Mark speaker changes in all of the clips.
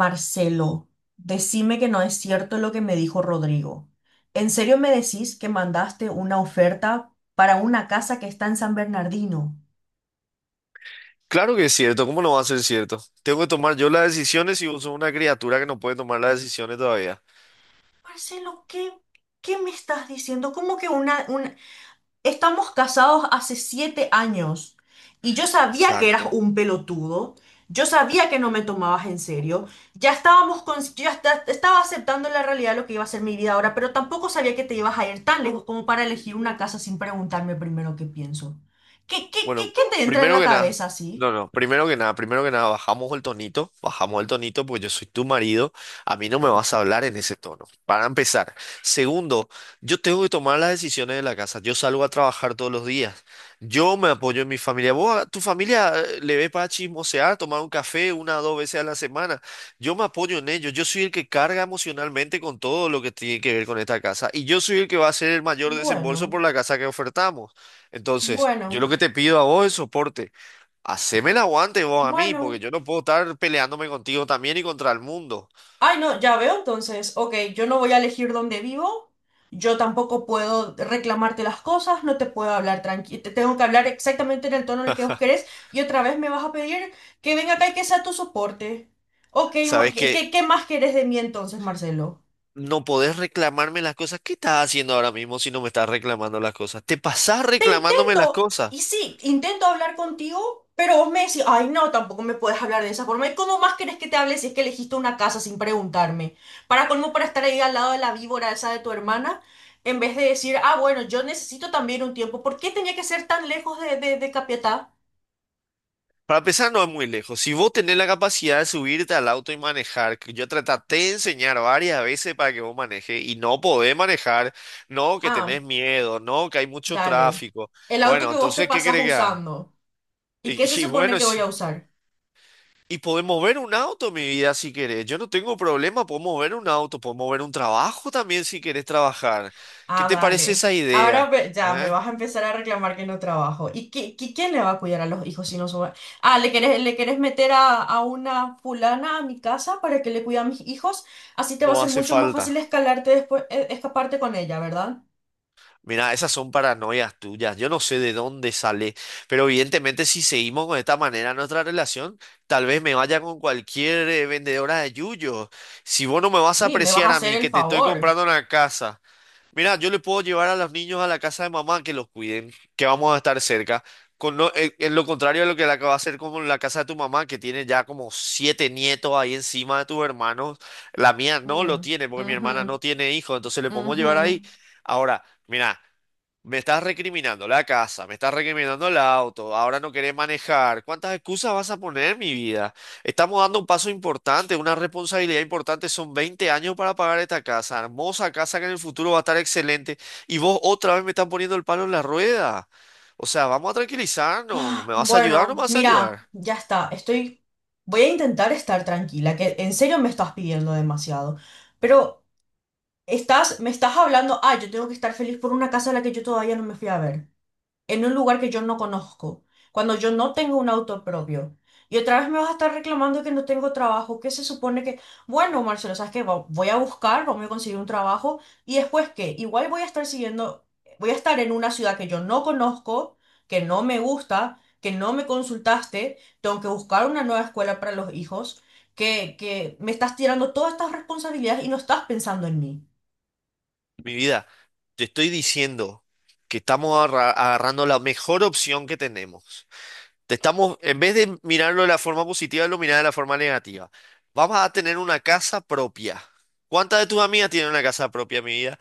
Speaker 1: Marcelo, decime que no es cierto lo que me dijo Rodrigo. ¿En serio me decís que mandaste una oferta para una casa que está en San Bernardino?
Speaker 2: Claro que es cierto, ¿cómo no va a ser cierto? Tengo que tomar yo las decisiones y vos sos una criatura que no puede tomar las decisiones todavía.
Speaker 1: Marcelo, ¿qué me estás diciendo? ¿Cómo que una, un- Estamos casados hace 7 años y yo sabía que eras
Speaker 2: Exacto.
Speaker 1: un pelotudo, yo sabía que no me tomabas en serio, ya estábamos con, yo ya estaba aceptando la realidad de lo que iba a ser mi vida ahora, pero tampoco sabía que te ibas a ir tan lejos como para elegir una casa sin preguntarme primero qué pienso. ¿Qué, qué, qué,
Speaker 2: Bueno,
Speaker 1: qué te entra en
Speaker 2: primero
Speaker 1: la
Speaker 2: que nada,
Speaker 1: cabeza así?
Speaker 2: no, no, primero que nada, bajamos el tonito, pues yo soy tu marido, a mí no me vas a hablar en ese tono, para empezar. Segundo, yo tengo que tomar las decisiones de la casa, yo salgo a trabajar todos los días, yo me apoyo en mi familia, vos, a tu familia le ve para chismosear, tomar un café una o dos veces a la semana, yo me apoyo en ellos, yo soy el que carga emocionalmente con todo lo que tiene que ver con esta casa y yo soy el que va a hacer el mayor desembolso
Speaker 1: Bueno,
Speaker 2: por la casa que ofertamos. Entonces, yo
Speaker 1: bueno,
Speaker 2: lo que te pido a vos es soporte. Haceme el aguante vos a mí, porque
Speaker 1: bueno.
Speaker 2: yo no puedo estar peleándome contigo también y contra el mundo.
Speaker 1: Ay, no, ya veo, entonces, ok, yo no voy a elegir dónde vivo, yo tampoco puedo reclamarte las cosas, no te puedo hablar tranquilo, te tengo que hablar exactamente en el tono en el que vos querés y otra vez me vas a pedir que venga acá y que sea tu soporte. Ok,
Speaker 2: Sabes
Speaker 1: ¿qué, qué-
Speaker 2: que
Speaker 1: qué más querés de mí entonces, Marcelo?
Speaker 2: no podés reclamarme las cosas. ¿Qué estás haciendo ahora mismo si no me estás reclamando las cosas? Te pasás
Speaker 1: Te
Speaker 2: reclamándome las
Speaker 1: intento,
Speaker 2: cosas.
Speaker 1: y sí, intento hablar contigo, pero vos me decís, ay, no, tampoco me puedes hablar de esa forma. ¿Y cómo más querés que te hable si es que elegiste una casa sin preguntarme? Para colmo, para estar ahí al lado de la víbora esa de tu hermana, en vez de decir, ah, bueno, yo necesito también un tiempo. ¿Por qué tenía que ser tan lejos de, Capiatá?
Speaker 2: Para empezar, no es muy lejos. Si vos tenés la capacidad de subirte al auto y manejar, que yo te traté de enseñar varias veces para que vos manejes y no podés manejar, no, que
Speaker 1: Ah,
Speaker 2: tenés miedo, no, que hay mucho
Speaker 1: dale.
Speaker 2: tráfico.
Speaker 1: El auto
Speaker 2: Bueno,
Speaker 1: que vos te
Speaker 2: entonces, ¿qué
Speaker 1: pasás
Speaker 2: querés que haga?
Speaker 1: usando. ¿Y qué se
Speaker 2: Y
Speaker 1: supone
Speaker 2: bueno,
Speaker 1: que voy a
Speaker 2: si...
Speaker 1: usar?
Speaker 2: Y podemos ver un auto, mi vida, si querés. Yo no tengo problema, podemos ver un auto, podemos ver un trabajo también si querés trabajar. ¿Qué
Speaker 1: Ah,
Speaker 2: te parece
Speaker 1: dale.
Speaker 2: esa
Speaker 1: Ahora
Speaker 2: idea?
Speaker 1: ve- ya me
Speaker 2: ¿Eh?
Speaker 1: vas a empezar a reclamar que no trabajo. ¿Y quién le va a cuidar a los hijos si no son... Ah, ¿le querés meter a una fulana a mi casa para que le cuide a mis hijos? Así te va a
Speaker 2: No
Speaker 1: ser
Speaker 2: hace
Speaker 1: mucho más fácil
Speaker 2: falta.
Speaker 1: escalarte después, escaparte con ella, ¿verdad?
Speaker 2: Mira, esas son paranoias tuyas. Yo no sé de dónde sale, pero evidentemente si seguimos con esta manera nuestra relación, tal vez me vaya con cualquier vendedora de yuyos. Si vos no me vas a
Speaker 1: Y me vas a
Speaker 2: apreciar a
Speaker 1: hacer
Speaker 2: mí,
Speaker 1: el
Speaker 2: que te estoy
Speaker 1: favor.
Speaker 2: comprando una casa. Mira, yo le puedo llevar a los niños a la casa de mamá que los cuiden, que vamos a estar cerca. En lo contrario a lo que le acaba de hacer con la casa de tu mamá, que tiene ya como siete nietos ahí encima de tus hermanos. La mía no lo
Speaker 1: Mm,
Speaker 2: tiene, porque mi hermana
Speaker 1: ujú,
Speaker 2: no tiene hijos, entonces le podemos
Speaker 1: ujú.
Speaker 2: llevar ahí. Ahora, mira. Me estás recriminando la casa, me estás recriminando el auto, ahora no querés manejar. ¿Cuántas excusas vas a poner, mi vida? Estamos dando un paso importante, una responsabilidad importante. Son 20 años para pagar esta casa, hermosa casa que en el futuro va a estar excelente. Y vos otra vez me estás poniendo el palo en la rueda. O sea, vamos a tranquilizarnos.
Speaker 1: Ah,
Speaker 2: ¿Me vas a ayudar o no me
Speaker 1: bueno,
Speaker 2: vas a
Speaker 1: mira,
Speaker 2: ayudar?
Speaker 1: ya está. Estoy... Voy a intentar estar tranquila, que en serio me estás pidiendo demasiado. Pero... Estás, me estás hablando, ah, yo tengo que estar feliz por una casa a la que yo todavía no me fui a ver, en un lugar que yo no conozco, cuando yo no tengo un auto propio. Y otra vez me vas a estar reclamando que no tengo trabajo, que se supone que, bueno, Marcelo, ¿sabes qué? Va- Voy a buscar, vamos a conseguir un trabajo, y después qué, igual voy a estar siguiendo, voy a estar en una ciudad que yo no conozco, que no me gusta, que no me consultaste, tengo que buscar una nueva escuela para los hijos, que me estás tirando todas estas responsabilidades y no estás pensando en mí.
Speaker 2: Mi vida, te estoy diciendo que estamos agarrando la mejor opción que tenemos. Te estamos, en vez de mirarlo de la forma positiva, lo mirás de la forma negativa. Vamos a tener una casa propia. ¿Cuántas de tus amigas tienen una casa propia, mi vida?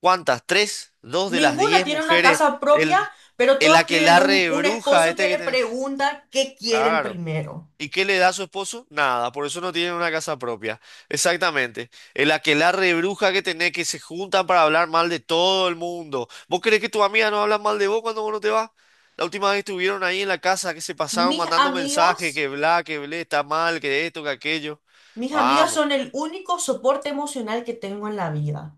Speaker 2: ¿Cuántas? ¿Tres? ¿Dos de las
Speaker 1: Ninguna
Speaker 2: diez
Speaker 1: tiene una
Speaker 2: mujeres?
Speaker 1: casa propia,
Speaker 2: El,
Speaker 1: pero
Speaker 2: el
Speaker 1: todas tienen
Speaker 2: aquelarre
Speaker 1: un,
Speaker 2: de
Speaker 1: un
Speaker 2: bruja
Speaker 1: esposo
Speaker 2: este
Speaker 1: que
Speaker 2: que
Speaker 1: le
Speaker 2: tenés.
Speaker 1: pregunta qué quieren
Speaker 2: Claro.
Speaker 1: primero.
Speaker 2: ¿Y qué le da a su esposo? Nada, por eso no tienen una casa propia. Exactamente. El aquelarre de bruja que tenés que se juntan para hablar mal de todo el mundo. ¿Vos crees que tus amigas no hablan mal de vos cuando vos no te vas? La última vez estuvieron ahí en la casa que se pasaron
Speaker 1: Mis
Speaker 2: mandando mensajes, que
Speaker 1: amigas,
Speaker 2: bla, que blé, está mal, que esto, que aquello.
Speaker 1: mis amigas
Speaker 2: Vamos.
Speaker 1: son el único soporte emocional que tengo en la vida.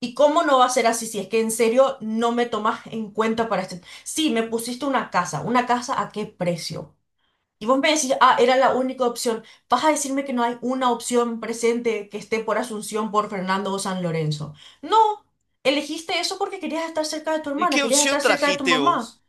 Speaker 1: ¿Y cómo no va a ser así si es que en serio no me tomas en cuenta para este? Sí, me pusiste una casa ¿a qué precio? Y vos me decís, ah, era la única opción. Vas a decirme que no hay una opción presente que esté por Asunción, por Fernando o San Lorenzo. No, elegiste eso porque querías estar cerca de tu
Speaker 2: ¿Y
Speaker 1: hermana,
Speaker 2: qué
Speaker 1: querías
Speaker 2: opción
Speaker 1: estar cerca de tu
Speaker 2: trajiste
Speaker 1: mamá.
Speaker 2: vos?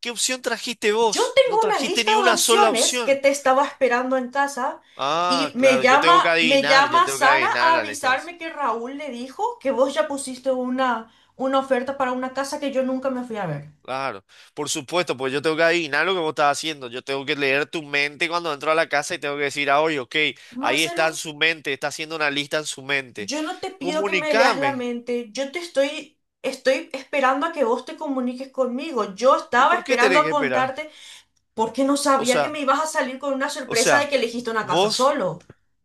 Speaker 2: ¿Qué opción trajiste
Speaker 1: Yo
Speaker 2: vos? No
Speaker 1: tengo una
Speaker 2: trajiste
Speaker 1: lista
Speaker 2: ni
Speaker 1: de
Speaker 2: una sola
Speaker 1: opciones que
Speaker 2: opción.
Speaker 1: te estaba esperando en casa y
Speaker 2: Ah,
Speaker 1: me
Speaker 2: claro, yo tengo que
Speaker 1: llama, me
Speaker 2: adivinar, yo
Speaker 1: llama
Speaker 2: tengo que
Speaker 1: Sara
Speaker 2: adivinar,
Speaker 1: a
Speaker 2: Alex.
Speaker 1: avisarme que Raúl le dijo que vos ya pusiste una oferta para una casa que yo nunca me fui a ver.
Speaker 2: Claro, por supuesto, pues yo tengo que adivinar lo que vos estás haciendo, yo tengo que leer tu mente cuando entro a la casa y tengo que decir, ah, oye, ok, ahí
Speaker 1: Marcelo,
Speaker 2: está en su mente, está haciendo una lista en su mente,
Speaker 1: yo no te pido que me leas la
Speaker 2: comunícame,
Speaker 1: mente, yo te estoy esperando a que vos te comuniques conmigo. Yo
Speaker 2: ¿y
Speaker 1: estaba
Speaker 2: por qué
Speaker 1: esperando
Speaker 2: tenés
Speaker 1: a
Speaker 2: que esperar?
Speaker 1: contarte porque no
Speaker 2: O
Speaker 1: sabía que me
Speaker 2: sea,
Speaker 1: ibas a salir con una
Speaker 2: o
Speaker 1: sorpresa de
Speaker 2: sea,
Speaker 1: que elegiste una casa
Speaker 2: vos...
Speaker 1: solo.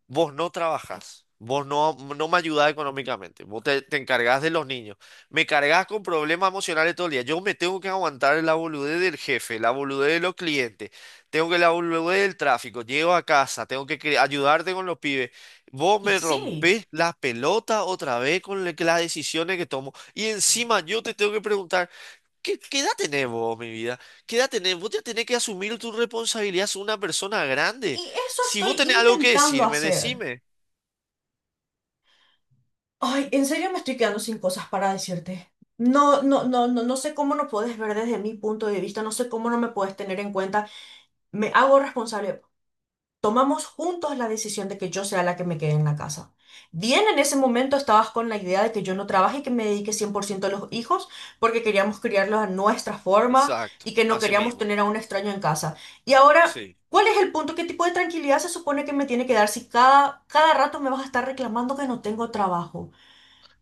Speaker 2: vos no trabajás, vos no, me ayudás económicamente, vos te encargás de los niños, me cargás con problemas emocionales todo el día, yo me tengo que aguantar la boludez del jefe, la boludez de los clientes, tengo que la boludez del tráfico, llego a casa, tengo que ayudarte con los pibes, vos
Speaker 1: Y
Speaker 2: me
Speaker 1: sí,
Speaker 2: rompés las pelotas otra vez con las decisiones que tomo y encima yo te tengo que preguntar. ¿Qué edad tenés vos, mi vida? ¿Qué edad tenés? Vos ya tenés que asumir tu responsabilidad, sos una persona grande.
Speaker 1: y eso
Speaker 2: Si
Speaker 1: estoy
Speaker 2: vos tenés algo que
Speaker 1: intentando
Speaker 2: decirme,
Speaker 1: hacer.
Speaker 2: decime.
Speaker 1: Ay, en serio me estoy quedando sin cosas para decirte. No, no, no, no, no sé cómo no puedes ver desde mi punto de vista, no sé cómo no me puedes tener en cuenta. Me hago responsable. Tomamos juntos la decisión de que yo sea la que me quede en la casa. Bien, en ese momento estabas con la idea de que yo no trabaje y que me dedique 100% a los hijos porque queríamos criarlos a nuestra forma
Speaker 2: Exacto,
Speaker 1: y que no
Speaker 2: así
Speaker 1: queríamos
Speaker 2: mismo.
Speaker 1: tener a un extraño en casa. Y ahora,
Speaker 2: Sí.
Speaker 1: ¿cuál es el punto? ¿Qué tipo de tranquilidad se supone que me tiene que dar si cada rato me vas a estar reclamando que no tengo trabajo?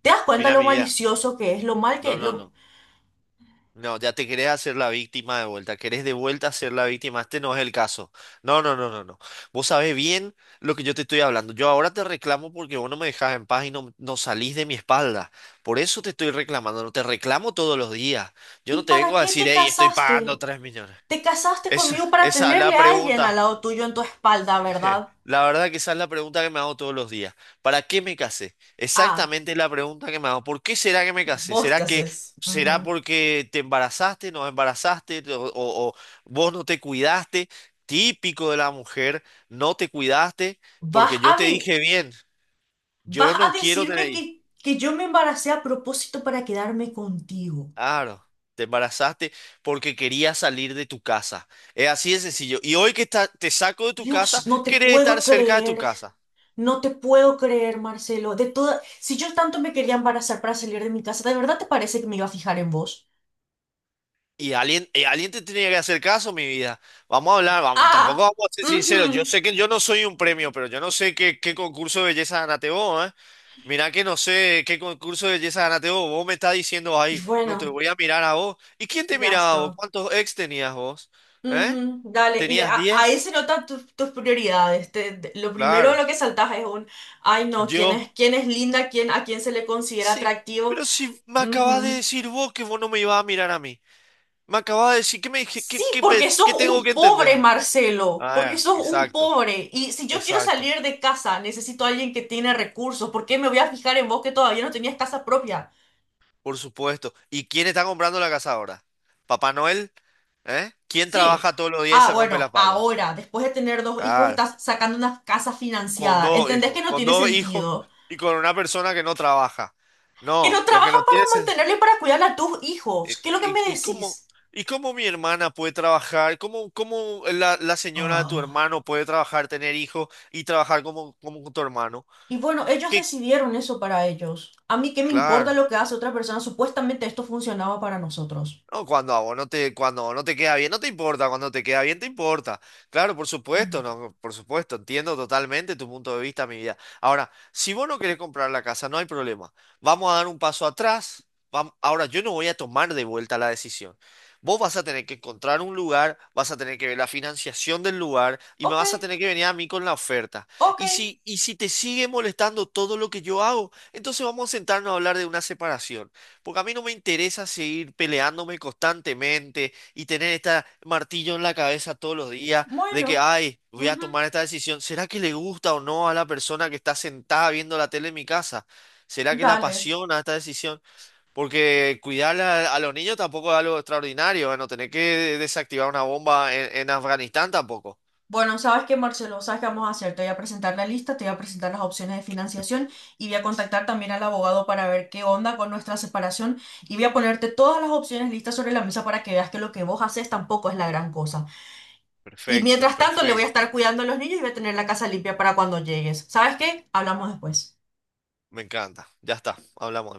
Speaker 1: ¿Te das cuenta
Speaker 2: Mira,
Speaker 1: lo
Speaker 2: mi vida.
Speaker 1: malicioso que es, lo mal que...
Speaker 2: No, no,
Speaker 1: Lo...
Speaker 2: no. No, ya te querés hacer la víctima de vuelta. Querés de vuelta ser la víctima. Este no es el caso. No, no, no, no, no. Vos sabés bien lo que yo te estoy hablando. Yo ahora te reclamo porque vos no me dejás en paz y no salís de mi espalda. Por eso te estoy reclamando. No te reclamo todos los días. Yo no
Speaker 1: ¿Y
Speaker 2: te
Speaker 1: para
Speaker 2: vengo a
Speaker 1: qué
Speaker 2: decir,
Speaker 1: te
Speaker 2: hey, estoy pagando
Speaker 1: casaste?
Speaker 2: 3 millones.
Speaker 1: Te casaste
Speaker 2: Es,
Speaker 1: conmigo para
Speaker 2: esa es
Speaker 1: tenerle
Speaker 2: la
Speaker 1: a alguien al
Speaker 2: pregunta.
Speaker 1: lado tuyo en tu espalda, ¿verdad?
Speaker 2: La verdad que esa es la pregunta que me hago todos los días. ¿Para qué me casé?
Speaker 1: Ah.
Speaker 2: Exactamente la pregunta que me hago. ¿Por qué será que me casé?
Speaker 1: Vos te haces.
Speaker 2: Será
Speaker 1: Ujú.
Speaker 2: porque te embarazaste, no embarazaste o vos no te cuidaste? Típico de la mujer, no te cuidaste
Speaker 1: ¿Vas
Speaker 2: porque yo
Speaker 1: a
Speaker 2: te
Speaker 1: de-
Speaker 2: dije bien,
Speaker 1: vas
Speaker 2: yo
Speaker 1: a
Speaker 2: no quiero
Speaker 1: decirme
Speaker 2: tener hijos.
Speaker 1: que yo me embaracé a propósito para quedarme contigo?
Speaker 2: Claro, te embarazaste porque querías salir de tu casa. Es así de sencillo. Y hoy que está- te saco de tu casa,
Speaker 1: Dios, no te
Speaker 2: querés estar
Speaker 1: puedo
Speaker 2: cerca de tu
Speaker 1: creer.
Speaker 2: casa.
Speaker 1: No te puedo creer, Marcelo. De toda, si yo tanto me quería embarazar para salir de mi casa, ¿de verdad te parece que me iba a fijar en vos?
Speaker 2: Y alguien te tenía que hacer caso, mi vida. Vamos a hablar, vamos, tampoco
Speaker 1: Ah,
Speaker 2: vamos a ser sinceros. Yo
Speaker 1: ujú.
Speaker 2: sé que yo no soy un premio, pero yo no sé qué, qué concurso de belleza ganaste vos, ¿eh? Mirá que no sé qué concurso de belleza ganaste vos. Vos me estás diciendo
Speaker 1: Y
Speaker 2: ahí, no te
Speaker 1: bueno,
Speaker 2: voy a mirar a vos. ¿Y quién te
Speaker 1: ya
Speaker 2: miraba a vos?
Speaker 1: está.
Speaker 2: ¿Cuántos ex tenías vos? ¿Eh?
Speaker 1: Ujú, dale, y
Speaker 2: ¿Tenías
Speaker 1: ahí
Speaker 2: 10?
Speaker 1: se notan tus, prioridades. Lo primero
Speaker 2: Claro.
Speaker 1: lo que saltas es ay, no, ¿quién
Speaker 2: Yo.
Speaker 1: es, quién es linda? ¿A quién se le considera
Speaker 2: Sí,
Speaker 1: atractivo?
Speaker 2: pero si me acabas de
Speaker 1: Ujú.
Speaker 2: decir vos que vos no me ibas a mirar a mí. Me acabas de decir, que me dije?
Speaker 1: Sí,
Speaker 2: ¿Qué, qué, pe-
Speaker 1: porque
Speaker 2: qué
Speaker 1: sos
Speaker 2: tengo
Speaker 1: un
Speaker 2: que entender?
Speaker 1: pobre, Marcelo, porque
Speaker 2: Ah,
Speaker 1: sos un
Speaker 2: exacto,
Speaker 1: pobre. Y si yo quiero
Speaker 2: exacto.
Speaker 1: salir de casa, necesito a alguien que tiene recursos. ¿Por qué me voy a fijar en vos que todavía no tenías casa propia?
Speaker 2: Por supuesto. ¿Y quién está comprando la casa ahora? ¿Papá Noel? ¿Eh? ¿Quién
Speaker 1: Sí.
Speaker 2: trabaja todos los días y
Speaker 1: Ah,
Speaker 2: se rompe la
Speaker 1: bueno,
Speaker 2: espalda?
Speaker 1: ahora, después de tener dos hijos,
Speaker 2: Claro,
Speaker 1: estás sacando una casa financiada. ¿Entendés que no
Speaker 2: con
Speaker 1: tiene
Speaker 2: dos hijos
Speaker 1: sentido?
Speaker 2: y con una persona que no trabaja.
Speaker 1: Que no
Speaker 2: No, lo que
Speaker 1: trabajan
Speaker 2: no tienes
Speaker 1: para
Speaker 2: es...
Speaker 1: mantenerle y para cuidar a tus
Speaker 2: ¿Y,
Speaker 1: hijos. ¿Qué es lo que
Speaker 2: y-
Speaker 1: me
Speaker 2: y cómo,
Speaker 1: decís?
Speaker 2: y cómo mi hermana puede trabajar? ¿Cómo la señora de tu
Speaker 1: Ah,
Speaker 2: hermano puede trabajar, tener hijos y trabajar como tu hermano?
Speaker 1: y bueno, ellos
Speaker 2: ¿Qué?
Speaker 1: decidieron eso para ellos. A mí qué me importa
Speaker 2: Claro.
Speaker 1: lo que hace otra persona. Supuestamente esto funcionaba para nosotros.
Speaker 2: No, cuando a vos no te, cuando no te queda bien, no te importa, cuando te queda bien, te importa. Claro, por supuesto,
Speaker 1: Mm.
Speaker 2: no, por supuesto, entiendo totalmente tu punto de vista, mi vida. Ahora, si vos no querés comprar la casa, no hay problema. Vamos a dar un paso atrás. Ahora, yo no voy a tomar de vuelta la decisión. Vos vas a tener que encontrar un lugar, vas a tener que ver la financiación del lugar y me
Speaker 1: Ok,
Speaker 2: vas a tener que venir a mí con la oferta.
Speaker 1: ok,
Speaker 2: Y si te sigue molestando todo lo que yo hago, entonces vamos a sentarnos a hablar de una separación. Porque a mí no me interesa seguir peleándome constantemente y tener este martillo en la cabeza todos los días de que,
Speaker 1: bueno,
Speaker 2: ay, voy a
Speaker 1: ujú,
Speaker 2: tomar esta decisión. ¿Será que le gusta o no a la persona que está sentada viendo la tele en mi casa? ¿Será que le
Speaker 1: dale.
Speaker 2: apasiona esta decisión? Porque cuidar a los niños tampoco es algo extraordinario. Bueno, tener que desactivar una bomba en Afganistán tampoco.
Speaker 1: Bueno, ¿sabes qué, Marcelo? ¿Sabes qué vamos a hacer? Te voy a presentar la lista, te voy a presentar las opciones de financiación y voy a contactar también al abogado para ver qué onda con nuestra separación y voy a ponerte todas las opciones listas sobre la mesa para que veas que lo que vos haces tampoco es la gran cosa. Y
Speaker 2: Perfecto,
Speaker 1: mientras tanto le voy a estar
Speaker 2: perfecto.
Speaker 1: cuidando a los niños y voy a tener la casa limpia para cuando llegues. ¿Sabes qué? Hablamos después.
Speaker 2: Me encanta. Ya está, hablamos.